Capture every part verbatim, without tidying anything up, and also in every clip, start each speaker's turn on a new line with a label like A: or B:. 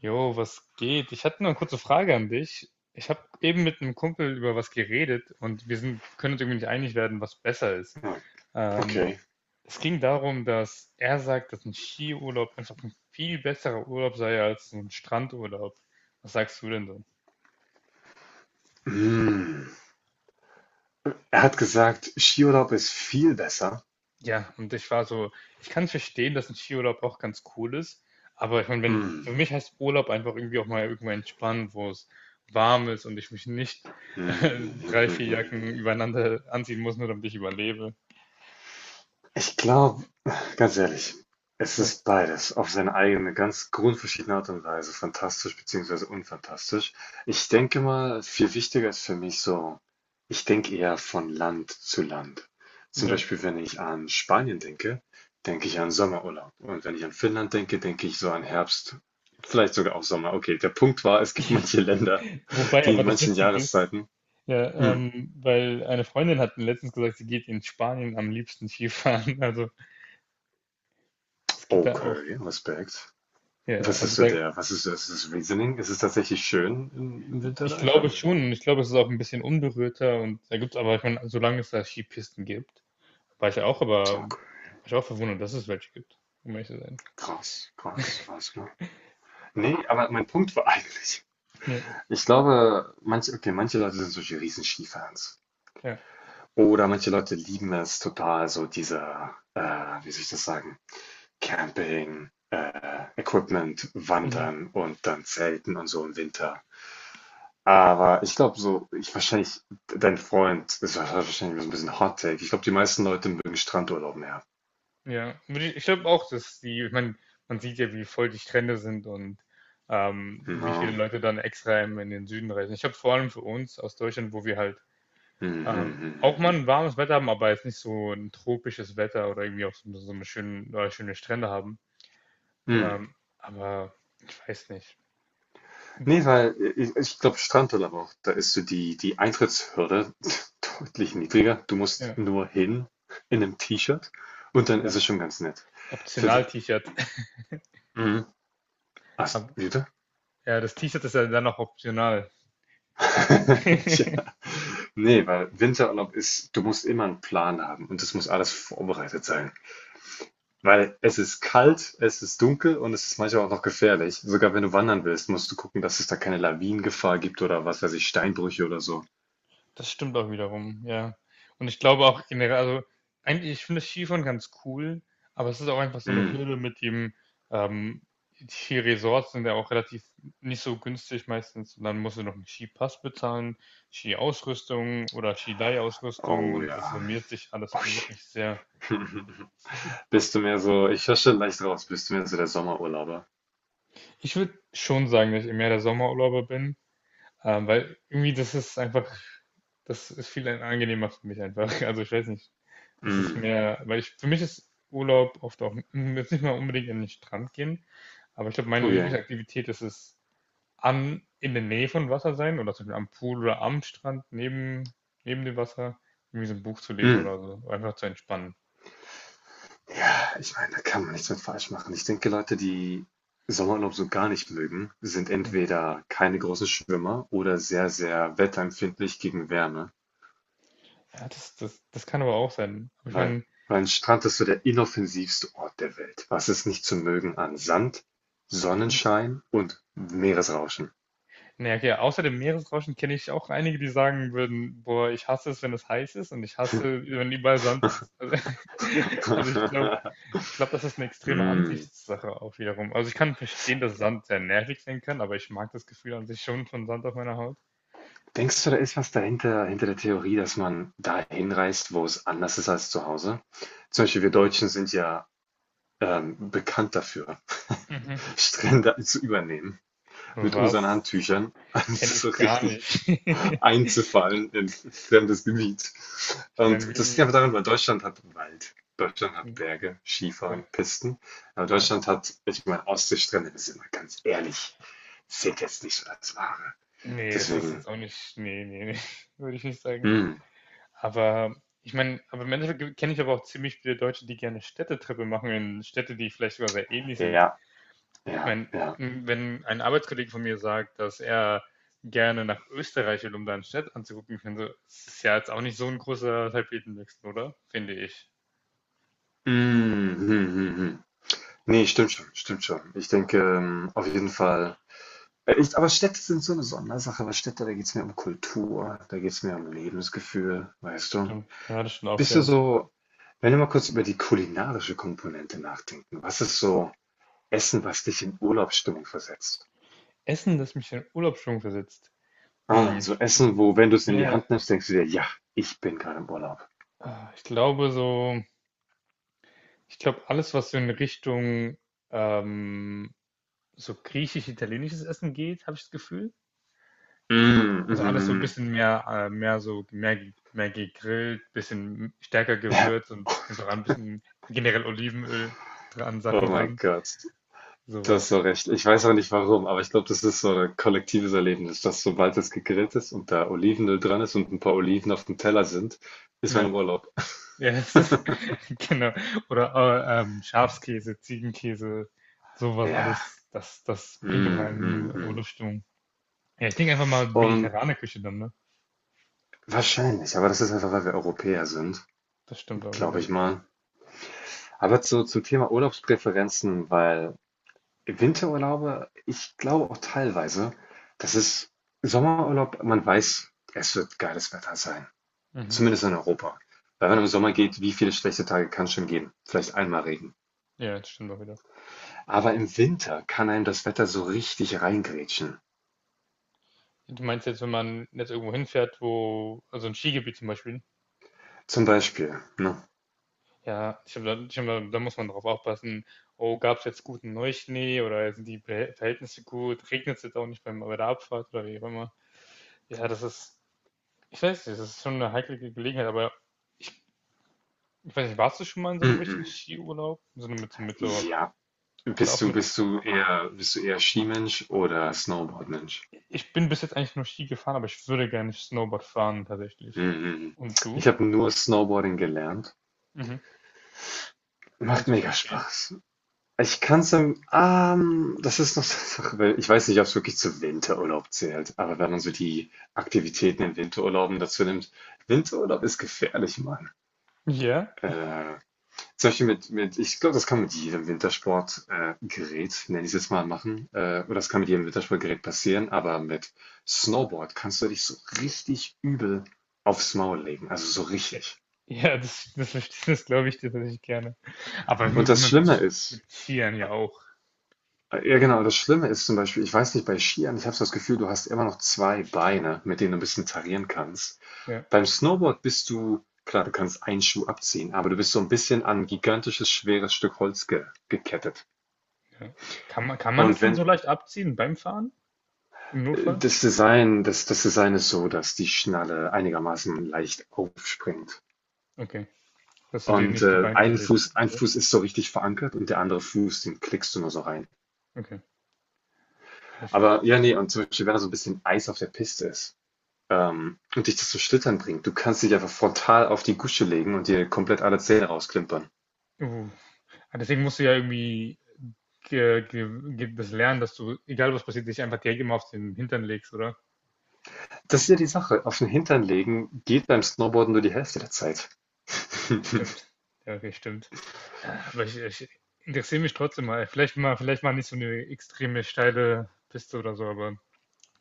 A: Jo, was geht? Ich hatte nur eine kurze Frage an dich. Ich habe eben mit einem Kumpel über was geredet und wir sind, können uns irgendwie nicht einig werden, was besser ist.
B: Ah,
A: Ähm,
B: okay.
A: Es ging darum, dass er sagt, dass ein Skiurlaub einfach ein viel besserer Urlaub sei als ein Strandurlaub. Was sagst du denn?
B: Hm. Er hat gesagt, Skiurlaub ist viel besser.
A: Ja, und ich war so, ich kann verstehen, dass ein Skiurlaub auch ganz cool ist, aber ich meine, wenn
B: Hm.
A: für mich heißt Urlaub einfach irgendwie auch mal irgendwo entspannen, wo es warm ist und ich mich nicht,
B: Hm,
A: äh,
B: hm, hm,
A: drei,
B: hm,
A: vier
B: hm, hm,
A: Jacken
B: hm.
A: übereinander anziehen muss, nur damit ich überlebe.
B: Ich glaube, Ganz ehrlich, es
A: Ja,
B: ist beides auf seine eigene, ganz grundverschiedene Art und Weise, fantastisch beziehungsweise unfantastisch. Ich denke mal, viel wichtiger ist für mich so, ich denke eher von Land zu Land. Zum
A: ja.
B: Beispiel, wenn ich an Spanien denke, denke ich an Sommerurlaub. Und wenn ich an Finnland denke, denke ich so an Herbst, vielleicht sogar auch Sommer. Okay, der Punkt war, es gibt manche Länder,
A: Wobei
B: die in
A: aber das
B: manchen
A: witzige ist,
B: Jahreszeiten.
A: ja,
B: Mm,
A: ähm, weil eine Freundin hat mir letztens gesagt, sie geht in Spanien am liebsten Skifahren. Also, das geht da auch.
B: okay, Respekt.
A: Ja, ja,
B: Was
A: also
B: ist so
A: da,
B: der, was ist, ist das Reasoning? Ist es tatsächlich schön im, im Winter
A: ich
B: da? Ich
A: glaube
B: weiß nicht.
A: schon, und ich glaube, es ist auch ein bisschen unberührter und da gibt's, aber ich meine, solange es da Skipisten gibt. War ich ja auch, aber war
B: Okay,
A: ich auch verwundert, dass es welche gibt, um ehrlich zu sein.
B: krass, krass, krass. Ne? Nee, aber mein Punkt war eigentlich,
A: Ja,
B: ich glaube, manche, okay, manche Leute sind solche riesen Skifans.
A: ja,
B: Oder manche Leute lieben es total, so dieser, äh, wie soll ich das sagen, Camping, äh, Equipment,
A: mhm.
B: Wandern und dann Zelten und so im Winter. Aber ich glaube so, ich wahrscheinlich, dein Freund, das war wahrscheinlich so ein bisschen Hot Take. Ich glaube, die meisten Leute mögen Strandurlaub mehr.
A: Ja, würde ich, ich glaube auch, dass die, ich meine, man sieht ja, wie voll die Strände sind und ähm,
B: Na,
A: wie viele Leute dann extra in, in den Süden reisen. Ich habe vor allem für uns aus Deutschland, wo wir halt
B: hm, hm,
A: ähm,
B: hm,
A: auch
B: hm, hm.
A: mal
B: Hm.
A: ein warmes Wetter haben, aber jetzt nicht so ein tropisches Wetter oder irgendwie auch so, so eine schöne, oder schöne Strände haben.
B: Hm.
A: Ähm, aber ich weiß nicht.
B: Nee, weil äh, ich, ich glaube, Strandurlaub auch, da ist so die, die Eintrittshürde deutlich niedriger. Du musst
A: Ja,
B: nur hin in einem T-Shirt und dann ist es
A: ja.
B: schon ganz nett. Für, Win-
A: Optional T-Shirt.
B: mhm. Ach,
A: Aber
B: wie bitte?
A: ja, das T-Shirt ist ja dann noch optional.
B: Ja. Nee, weil Winterurlaub ist, du musst immer einen Plan haben und das muss alles vorbereitet sein. Weil es ist kalt, es ist dunkel und es ist manchmal auch noch gefährlich. Sogar wenn du wandern willst, musst du gucken, dass es da keine Lawinengefahr gibt oder was weiß ich, Steinbrüche oder so.
A: Das stimmt auch wiederum, ja. Und ich glaube auch generell, also eigentlich, ich finde das Skifahren ganz cool, aber es ist auch einfach so eine
B: Mm.
A: Hürde mit dem, ähm, die Resorts sind ja auch relativ nicht so günstig meistens und dann musst du noch einen Skipass bezahlen, Skiausrüstung oder Skileihausrüstung,
B: Oh
A: und das
B: ja.
A: summiert sich alles
B: Ui.
A: wirklich sehr.
B: Bist du mehr so, ich höre schon leicht raus, bist du mehr so der Sommerurlauber?
A: Ich würde schon sagen, dass ich mehr der Sommerurlauber bin. Ähm, weil irgendwie das ist einfach, das ist viel angenehmer für mich einfach. Also ich weiß nicht, das ist
B: Mm.
A: mehr, weil ich, für mich ist Urlaub oft auch, m, jetzt nicht mal unbedingt an den Strand gehen, aber ich glaube, meine
B: Okay.
A: Lieblingsaktivität ist es, an, in der Nähe von Wasser sein oder zum Beispiel am Pool oder am Strand neben, neben dem Wasser, irgendwie so ein Buch zu lesen
B: Mm.
A: oder so, einfach zu entspannen.
B: Ja, ich meine, da kann man nichts mit falsch machen. Ich denke, Leute, die Sommerurlaub so gar nicht mögen, sind
A: Hm.
B: entweder keine großen Schwimmer oder sehr, sehr wetterempfindlich gegen Wärme.
A: Ja, das, das, das kann aber auch sein. Aber ich
B: Weil,
A: meine,
B: weil ein Strand ist so der inoffensivste Ort der Welt. Was ist nicht zu mögen an Sand, Sonnenschein und Meeresrauschen?
A: naja, okay. Außer dem Meeresrauschen kenne ich auch einige, die sagen würden, boah, ich hasse es, wenn es heiß ist und ich hasse, wenn überall Sand ist. Also, also ich glaube, ich glaube, das ist eine extreme
B: Hm.
A: Ansichtssache auch wiederum. Also ich kann verstehen, dass Sand sehr nervig sein kann, aber ich mag das Gefühl an sich schon von Sand auf meiner Haut.
B: Denkst du, da ist was dahinter, hinter der Theorie, dass man dahin reist, wo es anders ist als zu Hause? Zum Beispiel, wir Deutschen sind ja ähm, bekannt dafür,
A: Mhm.
B: Strände zu übernehmen mit unseren
A: Was?
B: Handtüchern. Das
A: Kenne
B: ist so
A: ich gar
B: richtig
A: nicht.
B: einzufallen in fremdes Gebiet.
A: Ich
B: Und das liegt
A: meine,
B: aber daran, weil Deutschland hat Wald, Deutschland hat
A: wie...
B: Berge,
A: Ja,
B: Skifahren, Pisten. Aber
A: ja.
B: Deutschland hat, ich meine, Ostseestrände, das ist immer ganz ehrlich, zählt jetzt nicht so als Ware.
A: Nee, es ist
B: Deswegen,
A: jetzt auch nicht... Nee, nee, nee. Würde ich nicht sagen.
B: hm,
A: Aber ich meine, aber im Endeffekt kenne ich aber auch ziemlich viele Deutsche, die gerne Städtetrippe machen in Städte, die vielleicht sogar sehr ähnlich sind.
B: ja,
A: Ich
B: ja,
A: meine,
B: ja.
A: m, wenn ein Arbeitskollege von mir sagt, dass er gerne nach Österreich will, um da eine Stadt anzugucken, ich meine, so, das ist ja jetzt auch nicht so ein großer Tapetenwechsel, oder? Finde ich.
B: Mm, hm, hm, hm. Hm. Nee, stimmt schon, stimmt schon. Ich denke, ähm, auf jeden Fall. Äh, Ich, aber Städte sind so eine Sondersache, weil Städte, da geht es mir um Kultur, da geht es mir um Lebensgefühl, weißt du?
A: Stimmt. Ja, das stimmt auch
B: Bist du
A: wieder.
B: so. Wenn wir mal kurz über die kulinarische Komponente nachdenken, was ist so Essen, was dich in Urlaubsstimmung versetzt?
A: Essen, das mich in Urlaubsstimmung versetzt.
B: Ah,
A: Hm,
B: so
A: ich, ich,
B: Essen, wo, wenn du es in die
A: mir-
B: Hand nimmst, denkst du dir, ja, ich bin gerade im Urlaub.
A: ah, ich glaube so, ich glaube alles, was so in Richtung ähm, so griechisch-italienisches Essen geht, habe ich das Gefühl.
B: Mm,
A: Also alles so ein
B: mhm.
A: bisschen mehr, äh, mehr so, mehr, mehr gegrillt, bisschen stärker
B: Ja,
A: gewürzt und einfach ein bisschen generell Olivenöl dran,
B: oh
A: Sachen
B: mein
A: dran,
B: Gott, du hast so
A: sowas.
B: recht. Ich weiß auch nicht warum, aber ich glaube, das ist so ein kollektives Erlebnis, dass sobald es gegrillt ist und da Olivenöl dran ist und ein paar Oliven auf dem Teller sind, ist man
A: Ja,
B: im Urlaub.
A: ja, das ist, genau. Oder äh, ähm, Schafskäse, Ziegenkäse, sowas
B: Ja,
A: alles, das, das bringt auch
B: mm,
A: einen
B: mm, mm.
A: Urlaubsstimmung. Ja, ich denke einfach mal
B: Und
A: mediterrane Küche dann, ne?
B: wahrscheinlich, aber das ist einfach, weil wir Europäer sind,
A: Das stimmt auch
B: glaube
A: wieder.
B: ich mal. Aber zu, zum Thema Urlaubspräferenzen, weil Winterurlaube, ich glaube auch teilweise, das ist Sommerurlaub, man weiß, es wird geiles Wetter sein.
A: Mhm.
B: Zumindest in Europa. Weil wenn man im Sommer geht, wie viele schlechte Tage kann es schon geben? Vielleicht einmal Regen.
A: Ja, das stimmt auch wieder.
B: Aber im Winter kann einem das Wetter so richtig reingrätschen.
A: Du meinst jetzt, wenn man jetzt irgendwo hinfährt, wo, also ein Skigebiet zum Beispiel,
B: Zum Beispiel, ne?
A: ja, ich glaube, da, ich glaube, da muss man drauf aufpassen. Oh, gab es jetzt guten Neuschnee oder sind die Be- Verhältnisse gut? Regnet es jetzt auch nicht beim, bei der Abfahrt oder wie auch immer? Ja, das ist, ich weiß nicht, das ist schon eine heikle Ge- Gelegenheit, aber ich weiß nicht, warst du schon mal in so einem richtigen
B: Mhm.
A: Skiurlaub? So eine- mit so, mit so,
B: Ja.
A: und
B: Bist
A: auch
B: du,
A: mit,
B: bist du eher, bist du eher Skimensch oder Snowboardmensch?
A: ich bin bis jetzt eigentlich nur Ski gefahren, aber ich würde gerne Snowboard fahren tatsächlich.
B: Mhm.
A: Und du?
B: Ich habe nur Snowboarding gelernt.
A: Mhm.
B: Macht
A: Kannst du es
B: mega
A: empfehlen?
B: Spaß. Ich kann's im, ähm, das ist noch so eine Sache, weil ich weiß nicht, ob es wirklich zu Winterurlaub zählt, aber wenn man so die Aktivitäten in Winterurlauben dazu nimmt, Winterurlaub ist gefährlich, Mann.
A: Ja.
B: Äh, Zum Beispiel mit, mit, ich glaube, das kann mit jedem Wintersportgerät, äh, Gerät, nenn ich es jetzt mal, machen, äh, oder das kann mit jedem Wintersportgerät passieren, aber mit Snowboard kannst du dich so richtig übel aufs Maul legen, also so richtig.
A: Ja, das, das, verste- das glaube ich dir tatsächlich gerne. Aber
B: Und
A: mit,
B: das
A: mit,
B: Schlimme
A: mit
B: ist,
A: Skiern ja auch.
B: ja, genau. Das Schlimme ist zum Beispiel, ich weiß nicht, bei Skiern, ich habe so das Gefühl, du hast immer noch zwei Beine, mit denen du ein bisschen tarieren kannst.
A: Ja,
B: Beim Snowboard bist du, klar, du kannst einen Schuh abziehen, aber du bist so ein bisschen an ein gigantisches, schweres Stück Holz ge gekettet.
A: ja. Kann man, kann man das
B: Und
A: denn
B: wenn
A: so leicht abziehen beim Fahren? Im
B: äh,
A: Notfall?
B: das Design, das, das Design ist so, dass die Schnalle einigermaßen leicht aufspringt.
A: Okay. Dass du dir
B: Und
A: nicht die
B: äh,
A: Beine
B: ein
A: verdrehst.
B: Fuß, ein
A: Sorry.
B: Fuß ist so richtig verankert und der andere Fuß, den klickst du nur so rein.
A: Okay. Echt.
B: Aber ja, nee, und zum Beispiel, wenn da so ein bisschen Eis auf der Piste ist, Ähm, und dich das zum Schlittern bringt. Du kannst dich einfach frontal auf die Gusche legen und dir komplett alle Zähne rausklimpern.
A: Uh. Ah, deswegen musst du ja irgendwie ge, ge, ge, das lernen, dass du, egal was passiert, dich einfach direkt immer auf den Hintern legst, oder?
B: Das ist ja die Sache. Auf den Hintern legen geht beim Snowboarden nur die Hälfte der Zeit.
A: Stimmt. Ja, okay, stimmt. Ja, aber ich, ich interessiere mich trotzdem mal. Vielleicht mal, vielleicht mal nicht so eine extreme steile Piste oder so, aber.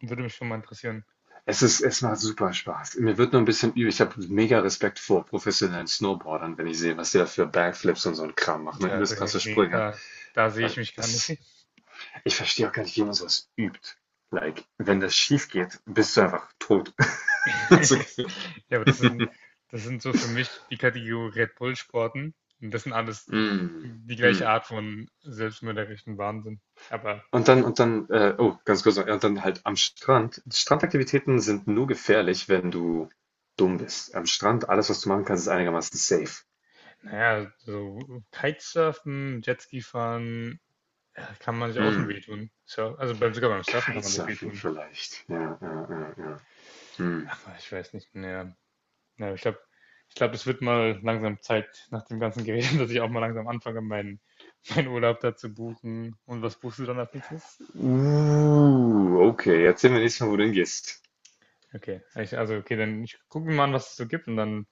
A: Würde mich schon mal interessieren.
B: Es ist, es macht super Spaß. Mir wird nur ein bisschen übel. Ich habe mega Respekt vor professionellen Snowboardern, wenn ich sehe, was die da für Backflips und so ein Kram machen. Ne?
A: Ja,
B: Übelst
A: d-
B: krasse
A: nee,
B: Sprünge.
A: da, da sehe ich
B: Weil
A: mich gar
B: das ist,
A: nicht.
B: ich verstehe auch gar nicht, wie man sowas übt. Like, wenn das schief geht, bist du einfach tot. So gefühlt.
A: Ja, aber das sind, das sind so für mich die Kategorie Red Bull-Sporten. Und das sind alles
B: Mm,
A: die
B: mm.
A: gleiche Art von selbstmörderischen Wahnsinn. Aber
B: Und dann, und dann, äh, oh, ganz kurz, noch, ja, und dann halt am Strand. Strandaktivitäten sind nur gefährlich, wenn du dumm bist. Am Strand, alles, was du machen kannst, ist einigermaßen safe.
A: naja, so Kitesurfen, Jetski fahren, ja, kann man sich auch schon
B: Hm,
A: wehtun. So, also beim, sogar beim Surfen kann man sich
B: Kitesurfing
A: wehtun.
B: vielleicht. Ja, ja, ja, ja. Hm.
A: Aber ich weiß nicht, naja. Ja, ich glaube, ich glaube, es wird mal langsam Zeit nach dem ganzen Gerede, dass ich auch mal langsam anfange, meinen meinen Urlaub da zu buchen. Und was buchst du dann als nächstes?
B: Uh, okay, erzähl mir nächstes Mal, wo du hingehst.
A: Okay, ich, also okay, dann ich gucke mir mal an, was es so gibt und dann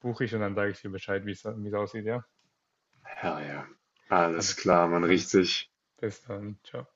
A: buche ich und dann sage ich dir Bescheid, wie es wie es aussieht, ja?
B: Herr, ja. Alles
A: Alles,
B: klar, man
A: alles.
B: riecht sich.
A: Bis dann. Ciao.